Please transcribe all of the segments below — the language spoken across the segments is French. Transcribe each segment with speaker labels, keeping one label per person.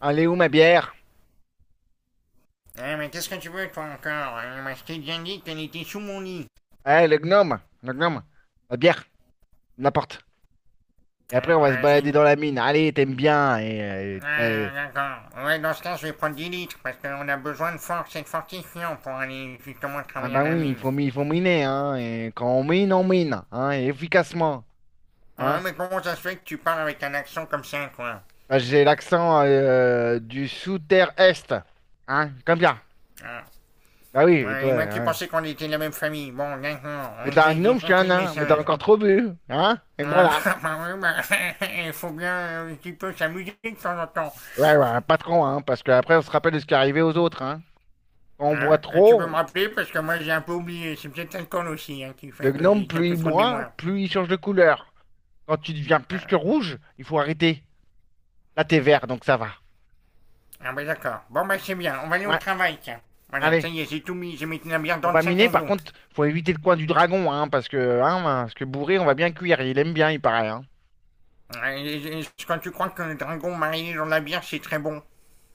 Speaker 1: Allez où ma bière?
Speaker 2: Eh, mais qu'est-ce que tu veux, toi, encore? Eh, moi, je t'ai déjà dit qu'elle était sous mon lit.
Speaker 1: Eh, le gnome, la bière, n'importe. Et après,
Speaker 2: Ah,
Speaker 1: on va se
Speaker 2: ah,
Speaker 1: balader dans la mine. Allez, t'aimes bien. Et, ben,
Speaker 2: Ah, d'accord. Ouais, dans ce cas, je vais prendre 10 litres, parce qu'on a besoin de force et de fortifiant pour aller justement
Speaker 1: ah
Speaker 2: travailler à
Speaker 1: ben
Speaker 2: la
Speaker 1: oui,
Speaker 2: mine.
Speaker 1: il faut miner, hein. Et quand on mine, hein, et efficacement,
Speaker 2: Ah,
Speaker 1: hein.
Speaker 2: mais comment ça se fait que tu parles avec un accent comme ça, quoi?
Speaker 1: Ben, j'ai l'accent du sous-terre est, hein, comme bien.
Speaker 2: Ah,
Speaker 1: Bah oui, et
Speaker 2: ouais,
Speaker 1: toi,
Speaker 2: et moi qui
Speaker 1: hein.
Speaker 2: pensais qu'on était de la même famille. Bon, d'accord,
Speaker 1: Mais
Speaker 2: ok,
Speaker 1: t'as un
Speaker 2: j'ai
Speaker 1: gnome, je suis un
Speaker 2: compris le
Speaker 1: nain, mais t'as
Speaker 2: message.
Speaker 1: encore trop bu, hein. Et
Speaker 2: Ah,
Speaker 1: voilà.
Speaker 2: bah, ouais, bah, il faut bien un petit peu s'amuser de temps en temps.
Speaker 1: Ouais, ouais, pas trop, hein, parce qu'après, on se rappelle de ce qui est arrivé aux autres, hein. Quand on boit
Speaker 2: Hein? Tu peux me
Speaker 1: trop,
Speaker 2: rappeler parce que moi j'ai un peu oublié. C'est peut-être l'alcool aussi, hein, qui
Speaker 1: le
Speaker 2: fait que
Speaker 1: gnome,
Speaker 2: j'ai
Speaker 1: plus il
Speaker 2: quelques trop de
Speaker 1: boit,
Speaker 2: mémoire.
Speaker 1: plus il change de couleur. Quand tu deviens plus que
Speaker 2: Hein.
Speaker 1: rouge, il faut arrêter. Là, t'es vert, donc ça va.
Speaker 2: Ah bah d'accord. Bon bah c'est bien, on va aller au
Speaker 1: Ouais,
Speaker 2: travail tiens. Voilà,
Speaker 1: allez,
Speaker 2: ça y est, j'ai tout mis, j'ai mis la bière
Speaker 1: on
Speaker 2: dans le
Speaker 1: va
Speaker 2: sac
Speaker 1: miner.
Speaker 2: à
Speaker 1: Par
Speaker 2: dos.
Speaker 1: contre, faut éviter le coin du dragon, hein, parce que bourré, on va bien cuire. Il aime bien, il paraît, hein.
Speaker 2: Ouais, quand tu crois que le dragon marié dans la bière c'est très bon.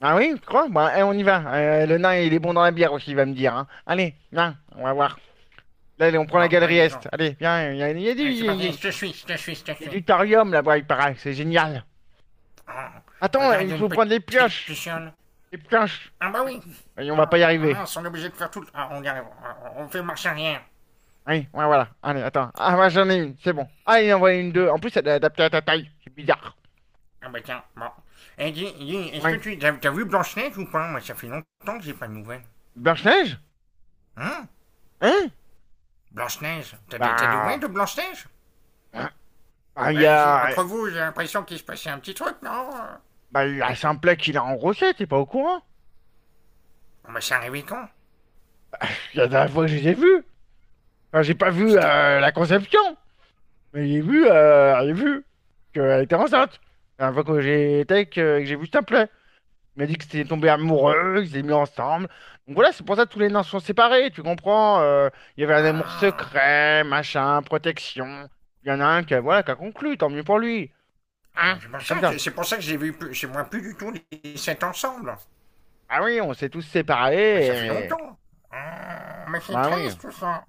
Speaker 1: Ah oui, tu crois? Bah, eh, on y va. Le nain, il est bon dans la bière aussi, il va me dire, hein. Allez, viens, on va voir. Là, allez, on prend la
Speaker 2: Bon, bah
Speaker 1: galerie
Speaker 2: d'accord,
Speaker 1: Est. Allez, viens, il y a du,
Speaker 2: c'est
Speaker 1: il
Speaker 2: parti,
Speaker 1: y a-
Speaker 2: je te suis, je te suis.
Speaker 1: du thorium là-bas, il paraît. C'est génial.
Speaker 2: Oh,
Speaker 1: Attends,
Speaker 2: regarde, il y
Speaker 1: il
Speaker 2: a une
Speaker 1: faut prendre les
Speaker 2: petite
Speaker 1: pioches.
Speaker 2: luciole.
Speaker 1: Les pioches.
Speaker 2: Ah bah oui.
Speaker 1: Et on va pas
Speaker 2: Ah
Speaker 1: y
Speaker 2: ah
Speaker 1: arriver.
Speaker 2: mince, on est obligé de faire tout Ah, on fait marche arrière.
Speaker 1: Oui, ouais, voilà. Allez, attends. Ah, moi j'en ai une, c'est bon. Ah, il en envoie une deux. En plus, elle est adaptée à ta taille. C'est bizarre.
Speaker 2: Ah bah tiens, bon. Eh, dis, est-ce que
Speaker 1: Oui.
Speaker 2: tu as vu Blanche-Neige ou pas? Moi, ça fait longtemps que j'ai pas de nouvelles.
Speaker 1: Blanche-Neige?
Speaker 2: Hein?
Speaker 1: Hein?
Speaker 2: Blanche-Neige? T'as des nouvelles
Speaker 1: Bah,
Speaker 2: de Blanche-Neige?
Speaker 1: hein, bah, il y
Speaker 2: Bah,
Speaker 1: a,
Speaker 2: entre vous, j'ai l'impression qu'il se passait un petit truc, non?
Speaker 1: bah, il y a Simplet qui l'a engrossé, t'es pas au courant?
Speaker 2: Bon, bah, c'est arrivé quand?
Speaker 1: Il y a la dernière fois que je les ai vus. Enfin, j'ai pas vu
Speaker 2: C'était…
Speaker 1: la conception, mais j'ai vu qu'elle était enceinte. La dernière fois que j'ai vu Simplet. Il m'a dit que c'était tombé amoureux, qu'ils s'étaient mis ensemble. Donc voilà, c'est pour ça que tous les nains sont séparés, tu comprends? Il y avait un amour
Speaker 2: Ah,
Speaker 1: secret, machin, protection. Il y en a un qui a, voilà, qui a conclu, tant mieux pour lui. Hein?
Speaker 2: c'est pour
Speaker 1: C'est comme
Speaker 2: ça,
Speaker 1: ça.
Speaker 2: c'est pour ça que j'ai vu plus, c'est moi plus du tout les sept ensemble.
Speaker 1: Ah oui, on s'est tous
Speaker 2: Mais ça fait
Speaker 1: séparés et...
Speaker 2: longtemps. Ah, mais c'est
Speaker 1: Bah oui.
Speaker 2: triste, tout ça.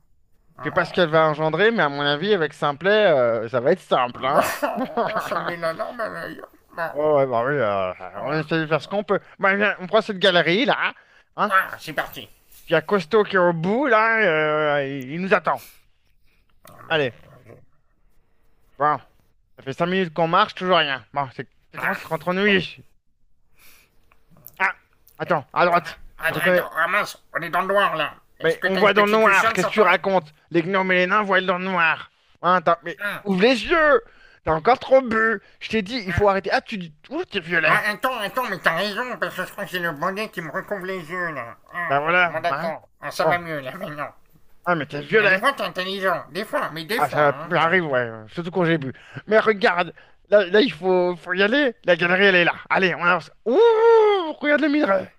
Speaker 1: Je sais pas ce
Speaker 2: Ah,
Speaker 1: qu'elle va engendrer, mais à mon avis, avec Simplet, ça va être simple, hein?
Speaker 2: bah, ça me met la larme à l'œil. Ah,
Speaker 1: Oh ouais, bah oui, on essaie de faire ce qu'on peut. Bah, viens, on prend cette galerie, là, hein?
Speaker 2: ah, c'est parti.
Speaker 1: Puis il y a Costo qui est au bout, là, il nous attend.
Speaker 2: Ah, mais,
Speaker 1: Allez,
Speaker 2: euh,
Speaker 1: bon. Ça fait 5 minutes qu'on marche, toujours rien. Bon, ça commence à
Speaker 2: ah,
Speaker 1: se rendre
Speaker 2: bon.
Speaker 1: ennuyé. Ah, attends, à droite,
Speaker 2: Attends,
Speaker 1: je reconnais.
Speaker 2: ah mince, on est dans le noir là. Est-ce
Speaker 1: Mais
Speaker 2: que
Speaker 1: on
Speaker 2: t'as une
Speaker 1: voit dans le
Speaker 2: petite
Speaker 1: noir,
Speaker 2: luciole
Speaker 1: qu'est-ce
Speaker 2: sur
Speaker 1: que tu
Speaker 2: toi?
Speaker 1: racontes? Les gnomes et les nains voient dans le noir. Hein, attends, mais
Speaker 2: Ah,
Speaker 1: ouvre les yeux! T'as encore trop bu! Je t'ai dit, il faut
Speaker 2: ah,
Speaker 1: arrêter. Ah, tu dis, ouh, t'es violet.
Speaker 2: Attends, mais t'as raison, parce que je crois que c'est le bonnet qui me recouvre les yeux là.
Speaker 1: Ben
Speaker 2: Ah, bon
Speaker 1: voilà, hein?
Speaker 2: d'accord, ah, ça va
Speaker 1: Bon,
Speaker 2: mieux là maintenant.
Speaker 1: ah, mais t'es
Speaker 2: Ah, des
Speaker 1: violet.
Speaker 2: fois t'es intelligent, des fois, mais des
Speaker 1: Ah,
Speaker 2: fois.
Speaker 1: ça
Speaker 2: Hein.
Speaker 1: arrive, ouais, surtout quand j'ai bu. Mais regarde, là, là, il faut y aller. La galerie, elle est là. Allez, on avance. Ouh, regarde le minerai.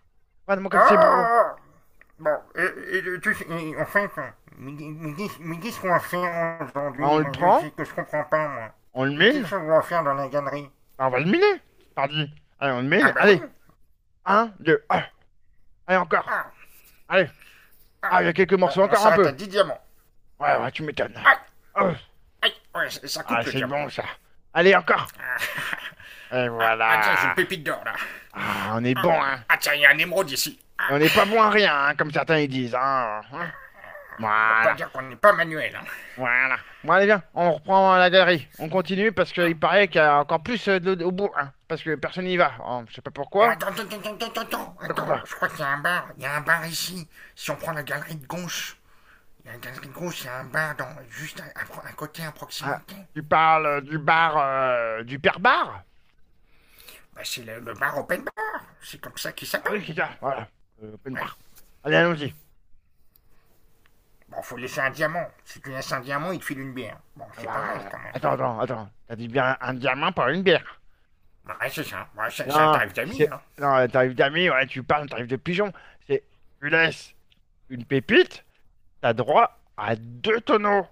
Speaker 1: Regarde-moi
Speaker 2: Oh
Speaker 1: comme c'est beau.
Speaker 2: oh, oh. Bon, tu sais, en fait, mais dis ce qu'on va faire aujourd'hui,
Speaker 1: Ben, on le
Speaker 2: moi je
Speaker 1: prend,
Speaker 2: sais que je comprends pas moi.
Speaker 1: on le
Speaker 2: Qu'est-ce
Speaker 1: mine.
Speaker 2: qu'on va faire dans la galerie?
Speaker 1: Bah, on va le miner, pardi. Allez, on le
Speaker 2: Ah
Speaker 1: mine.
Speaker 2: bah oui.
Speaker 1: Allez, un, deux, un. Allez, encore.
Speaker 2: Ah,
Speaker 1: Allez.
Speaker 2: ah.
Speaker 1: Ah, il y a quelques
Speaker 2: Bon,
Speaker 1: morceaux,
Speaker 2: on
Speaker 1: encore un
Speaker 2: s'arrête
Speaker 1: peu.
Speaker 2: à 10 diamants.
Speaker 1: Ouais, ouais, tu m'étonnes.
Speaker 2: Ah.
Speaker 1: Oh.
Speaker 2: Aïe, ouais, ça
Speaker 1: Ah,
Speaker 2: coupe le
Speaker 1: c'est
Speaker 2: diamant.
Speaker 1: bon, ça. Allez, encore.
Speaker 2: Ah,
Speaker 1: Et
Speaker 2: tiens, j'ai une
Speaker 1: voilà.
Speaker 2: pépite d'or là.
Speaker 1: Ah, on est
Speaker 2: Ah,
Speaker 1: bon, hein.
Speaker 2: tiens, il y a un émeraude ici.
Speaker 1: Et
Speaker 2: Ah,
Speaker 1: on n'est pas bon à rien, hein, comme certains ils disent, hein, hein.
Speaker 2: on peut pas
Speaker 1: Voilà,
Speaker 2: dire qu'on n'est pas manuel. Hein.
Speaker 1: voilà. Bon, allez, viens, on reprend la galerie. On continue parce qu'il paraît qu'il y a encore plus de au bout, hein. Parce que personne n'y va. Oh, je sais pas
Speaker 2: Oh,
Speaker 1: pourquoi.
Speaker 2: attends,
Speaker 1: Quoi, quoi, quoi.
Speaker 2: je crois qu'il y a un bar. Il y a un bar ici. Si on prend la galerie de gauche, il y a la galerie de gauche, il y a un bar dans, juste à, à côté, à
Speaker 1: Ah,
Speaker 2: proximité.
Speaker 1: tu parles du bar, du père bar?
Speaker 2: Bah, c'est le bar Open Bar. C'est comme ça qu'il
Speaker 1: Ah oui,
Speaker 2: s'appelle.
Speaker 1: c'est ça, voilà. Open
Speaker 2: Ouais.
Speaker 1: bar. Allez, allons-y.
Speaker 2: Bon, faut laisser un diamant. Si tu laisses un diamant, il te file une bière. Bon, c'est
Speaker 1: Alors,
Speaker 2: pas mal quand même.
Speaker 1: attends, attends, attends. T'arrives bien un diamant pour une bière.
Speaker 2: Bah, ouais, c'est ça. Ouais, c'est un
Speaker 1: Non,
Speaker 2: tarif d'amis,
Speaker 1: c'est.
Speaker 2: hein.
Speaker 1: Non, t'arrives d'amis, ouais, tu parles, t'arrives de pigeon. C'est. Tu laisses une pépite, t'as droit à deux tonneaux.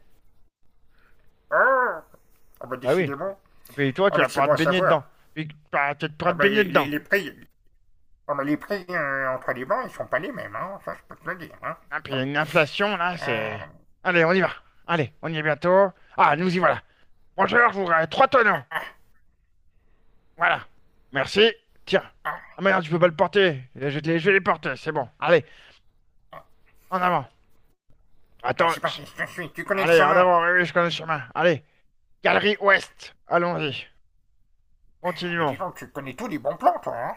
Speaker 2: Ah. Ah bah
Speaker 1: Bah oui.
Speaker 2: décidément.
Speaker 1: Et puis toi, tu
Speaker 2: Ah bah
Speaker 1: vas
Speaker 2: c'est
Speaker 1: pouvoir te
Speaker 2: bon à
Speaker 1: baigner
Speaker 2: savoir.
Speaker 1: dedans. Puis bah, tu vas pouvoir
Speaker 2: Ah
Speaker 1: te
Speaker 2: bah
Speaker 1: baigner
Speaker 2: les, les-
Speaker 1: dedans.
Speaker 2: les prix, ah bah les prix entre les bancs, ils sont pas les mêmes, hein. Ça, je peux te le dire, hein.
Speaker 1: Hein, puis il
Speaker 2: Bon.
Speaker 1: y a une inflation, là,
Speaker 2: Euh,
Speaker 1: c'est. Allez, on y va. Allez, on y est bientôt. Ah, nous y voilà. Bonjour, je voudrais trois tonneaux. Voilà. Merci. Tiens. Ah
Speaker 2: ah,
Speaker 1: merde, je peux pas le porter. Je vais les porter, c'est bon. Allez,
Speaker 2: ah,
Speaker 1: en avant. Attends.
Speaker 2: c'est parti, je te suis. Tu connais le
Speaker 1: Allez, en
Speaker 2: chemin.
Speaker 1: avant, oui, oui, je connais le chemin. Allez, galerie ouest. Allons-y.
Speaker 2: Mais
Speaker 1: Continuons.
Speaker 2: dis donc, tu connais tous les bons plans, toi, hein.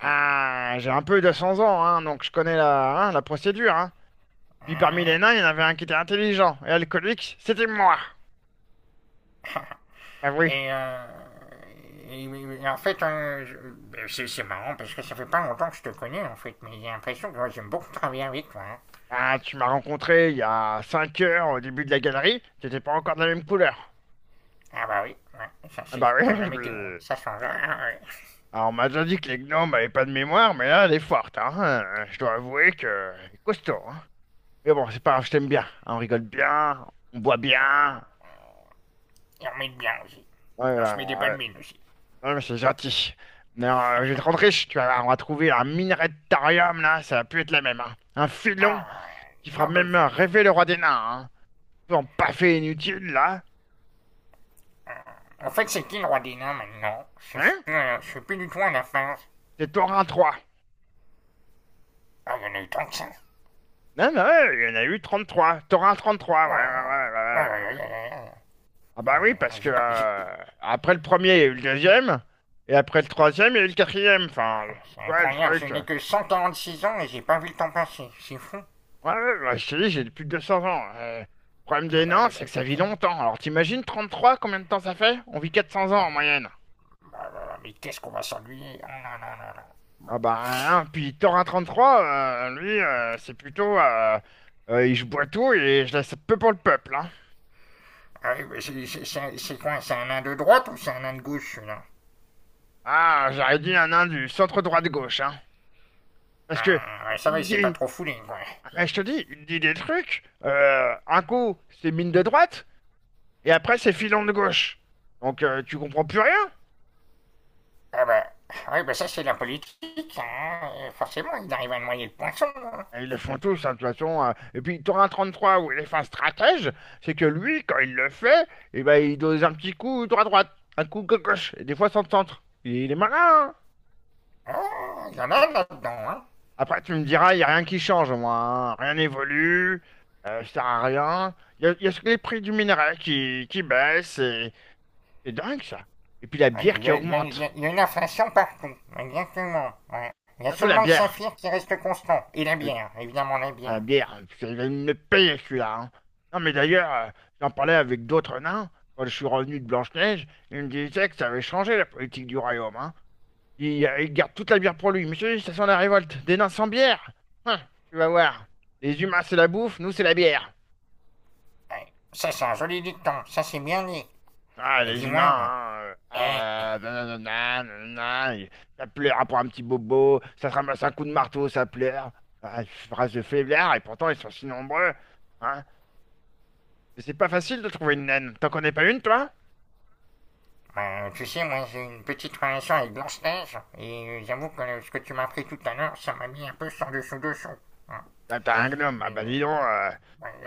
Speaker 1: Ah, j'ai un peu 200 ans, hein, donc je connais la, hein, la procédure, hein. Puis parmi
Speaker 2: Euh,
Speaker 1: les nains, il y en avait un qui était intelligent et alcoolique, c'était moi. Bah oui.
Speaker 2: et, euh, et- et en fait, ben, c'est marrant parce que ça fait pas longtemps que je te connais, en fait. Mais j'ai l'impression que ouais, j'aime beaucoup travailler avec toi, hein.
Speaker 1: Ah, tu m'as rencontré il y a 5 heures au début de la galerie, t'étais pas encore de la même couleur.
Speaker 2: Ah bah oui, ouais, ça
Speaker 1: Ah
Speaker 2: c'est
Speaker 1: bah oui,
Speaker 2: comme la météo, hein, ça change. Ah ouais.
Speaker 1: Alors, on m'a déjà dit que les gnomes avaient pas de mémoire, mais là, elle est forte, hein. Je dois avouer que c'est costaud, hein. Mais bon, c'est pas grave, je t'aime bien, hein. On rigole bien, on boit
Speaker 2: Ah ouais.
Speaker 1: bien.
Speaker 2: Il en bien aussi.
Speaker 1: Ouais, ouais,
Speaker 2: Il en se met des belles
Speaker 1: ouais.
Speaker 2: mines aussi.
Speaker 1: Ouais, mais c'est gentil. Mais je vais te rendre riche, tu vas voir, on va trouver un minerai de thorium, là, ça va plus être la même, hein. Un filon
Speaker 2: Ah,
Speaker 1: qui fera
Speaker 2: nom de
Speaker 1: même
Speaker 2: Dieu.
Speaker 1: rêver le roi des nains, hein. Tout en paffé inutile, là.
Speaker 2: En fait, c'est qui le roi des nains maintenant?
Speaker 1: Hein?
Speaker 2: Je suis plus du tout à la fin.
Speaker 1: C'est Thorin 3.
Speaker 2: Ah, il y en a eu tant que ça.
Speaker 1: Non, non, ouais, il y en a eu 33. Thorin 33, ouais, ouais,
Speaker 2: Ah,
Speaker 1: ouais,
Speaker 2: ah,
Speaker 1: ouais,
Speaker 2: ah, ah,
Speaker 1: ouais.
Speaker 2: ah,
Speaker 1: Ah
Speaker 2: ah,
Speaker 1: bah oui,
Speaker 2: ah, ah,
Speaker 1: parce que
Speaker 2: J'ai pas. J'ai-
Speaker 1: après le premier, il y a eu le deuxième, et après le troisième, il y a eu le quatrième. Enfin,
Speaker 2: C'est
Speaker 1: tu vois le
Speaker 2: incroyable, je
Speaker 1: truc.
Speaker 2: n'ai que 146 ans et j'ai pas vu le temps passer. C'est fou.
Speaker 1: Ouais, ouais, bah, je te dis, j'ai plus de 200 ans. Le problème
Speaker 2: Ah,
Speaker 1: des
Speaker 2: bah
Speaker 1: nains,
Speaker 2: oui, bah
Speaker 1: c'est que ça vit
Speaker 2: écoute,
Speaker 1: longtemps. Alors t'imagines 33, combien de temps ça fait? On vit 400 ans en moyenne.
Speaker 2: bah, mais qu'est-ce qu'on va s'ennuyer? Ah, non, non.
Speaker 1: Ah bah, hein, puis Thorin 33, lui, c'est plutôt... je bois tout et je laisse peu pour le peuple. Hein.
Speaker 2: Ah oui, mais c'est quoi? C'est un nain de droite ou c'est un nain de gauche celui-là?
Speaker 1: Ah, j'aurais dit un nain du centre droit de gauche. Hein. Parce que...
Speaker 2: Ah, ouais, ça va, il s'est pas trop foulé, quoi.
Speaker 1: Eh, je te dis, il dit des trucs. Un coup, c'est mine de droite, et après, c'est filon de gauche. Donc, tu comprends plus rien.
Speaker 2: Ah bah, ah oui, bah ça c'est la politique, hein. Forcément, ils arrivent à noyer le poisson, hein.
Speaker 1: Et ils le font tous, hein, de toute façon. Et puis, t'auras un 33 où il est fin stratège, c'est que lui, quand il le fait, eh ben, il dose un petit coup droit-droite, un coup gauche, et des fois sans centre. Il est malin, hein.
Speaker 2: Ah, il y en a là-dedans. Hein.
Speaker 1: Après, tu me diras, il n'y a rien qui change, moi, hein. Rien n'évolue, ça sert à rien. Il y a que les prix du minerai qui baissent, et c'est dingue, ça. Et puis, la
Speaker 2: Ah,
Speaker 1: bière
Speaker 2: Il y,
Speaker 1: qui
Speaker 2: a- il y a- il y a-
Speaker 1: augmente.
Speaker 2: une inflation partout, exactement, ouais. Il y a
Speaker 1: Surtout la
Speaker 2: seulement le
Speaker 1: bière.
Speaker 2: saphir qui reste constant, et la
Speaker 1: Euh,
Speaker 2: bière, évidemment la
Speaker 1: Ah
Speaker 2: bière.
Speaker 1: merde, c'est une payer celui-là, hein. Non mais d'ailleurs, j'en parlais avec d'autres nains quand je suis revenu de Blanche-Neige. Ils me disaient que ça avait changé la politique du royaume. Hein. Il garde toute la bière pour lui. Monsieur, ça sent la révolte. Des nains sans bière. Hein, tu vas voir. Les humains, c'est la bouffe, nous, c'est la bière.
Speaker 2: Ouais. Ça c'est un joli dicton, ça c'est bien dit.
Speaker 1: Ah,
Speaker 2: Et
Speaker 1: les humains,
Speaker 2: dis-moi, eh,
Speaker 1: hein, ah, nanana, nanana, et ça pleure pour un petit bobo, ça se ramasse un coup de marteau, ça pleure. Ah, phrase de faiblard, et pourtant ils sont si nombreux. Hein. Mais c'est pas facile de trouver une naine. T'en connais pas une, toi?
Speaker 2: ben, tu sais, moi j'ai une petite relation avec Blanche-Neige, et j'avoue que ce que tu m'as appris tout à l'heure, ça m'a mis un peu sur le dessous-dessous, hein.
Speaker 1: Ah, t'as un gnome. Ah
Speaker 2: Mais
Speaker 1: bah dis donc,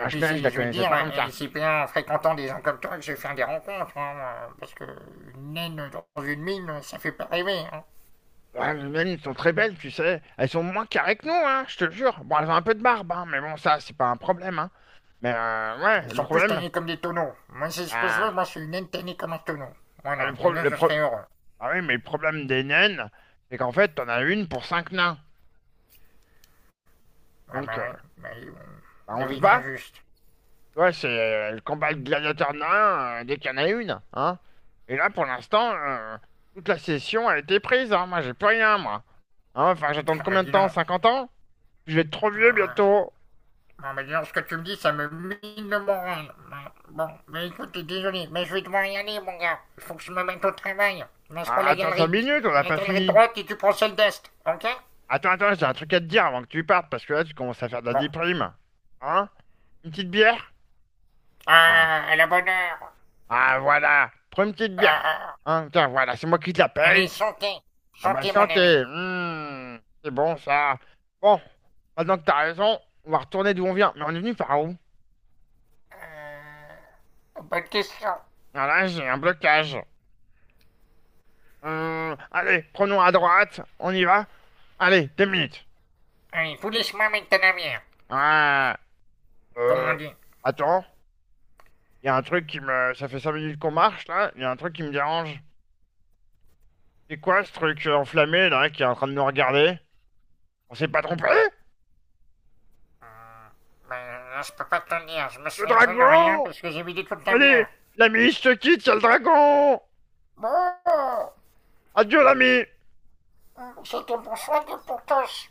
Speaker 2: et puis,
Speaker 1: Schneck, je la
Speaker 2: je vais
Speaker 1: connaissais
Speaker 2: dire,
Speaker 1: pas comme ça.
Speaker 2: c'est bien en fréquentant des gens comme toi que je vais faire des rencontres, hein, parce que une naine dans une mine, ça fait pas rêver. Hein.
Speaker 1: Ouais, les naines sont très belles, tu sais. Elles sont moins carrées que nous, hein, je te le jure. Bon, elles ont un peu de barbe, hein, mais bon, ça, c'est pas un problème, hein. Mais ouais,
Speaker 2: Ils
Speaker 1: le
Speaker 2: sont plus
Speaker 1: problème...
Speaker 2: tannés comme des tonneaux. Moi, c'est ce que je veux,
Speaker 1: Ah,
Speaker 2: moi, c'est une naine tannée comme un tonneau.
Speaker 1: ah,
Speaker 2: Voilà, et là, je serais heureux.
Speaker 1: ah oui, mais le problème des naines, c'est qu'en fait, t'en as une pour cinq nains.
Speaker 2: Ah
Speaker 1: Donc,
Speaker 2: bah, oui, bon,
Speaker 1: bah,
Speaker 2: la
Speaker 1: on
Speaker 2: vie
Speaker 1: se
Speaker 2: est
Speaker 1: bat.
Speaker 2: injuste.
Speaker 1: Ouais, c'est le combat de gladiateur nain dès qu'il y en a une, hein. Et là, pour l'instant, toute la session a été prise, hein. Moi, j'ai plus rien, moi. Hein, enfin, j'attends
Speaker 2: Ah bah
Speaker 1: combien de
Speaker 2: dis
Speaker 1: temps?
Speaker 2: non.
Speaker 1: 50 ans? Je vais être trop vieux bientôt.
Speaker 2: Ah bah dis non, ce que tu me dis, ça me mine le moral. Bah, bon, mais écoute, désolé, mais je vais devoir y aller, mon gars. Il faut que je me mette au travail. Là, je prends
Speaker 1: Ah, attends 5 minutes, on n'a
Speaker 2: la
Speaker 1: pas
Speaker 2: galerie de
Speaker 1: fini.
Speaker 2: droite et tu prends celle d'est, ok?
Speaker 1: Attends, attends, j'ai un truc à te dire avant que tu partes, parce que là, tu commences à faire de la
Speaker 2: Bon.
Speaker 1: déprime. Hein? Une petite bière? Ah,
Speaker 2: Ah, à la bonne heure.
Speaker 1: ah, voilà. Prends une petite bière.
Speaker 2: Ah,
Speaker 1: Hein, tiens, voilà, c'est moi qui te la
Speaker 2: allez,
Speaker 1: paye.
Speaker 2: chantez.
Speaker 1: Ah bah,
Speaker 2: Chantez, mon ami.
Speaker 1: santé. Mmh, c'est bon, ça. Bon, maintenant que t'as raison, on va retourner d'où on vient. Mais on est venu par où?
Speaker 2: Bonne question.
Speaker 1: Ah là, j'ai un blocage. Allez, prenons à droite. On y va? Allez, 2 minutes.
Speaker 2: Allez, vous laisse-moi mettre ta navire,
Speaker 1: Ah.
Speaker 2: comme on
Speaker 1: Euh,
Speaker 2: dit.
Speaker 1: Attends, il y a un truc qui me... Ça fait 5 minutes qu'on marche, là. Il y a un truc qui me dérange. C'est quoi ce truc enflammé, là, qui est en train de nous regarder? On s'est pas trompé?
Speaker 2: Ben, là, je peux pas te le dire. Je me
Speaker 1: Le
Speaker 2: souviens plus de rien
Speaker 1: dragon!
Speaker 2: parce que j'ai vidé toute la
Speaker 1: Allez,
Speaker 2: bière.
Speaker 1: l'ami, je te quitte, il y a le dragon!
Speaker 2: Bon,
Speaker 1: Adieu, l'ami!
Speaker 2: c'était pour soi et pour tous.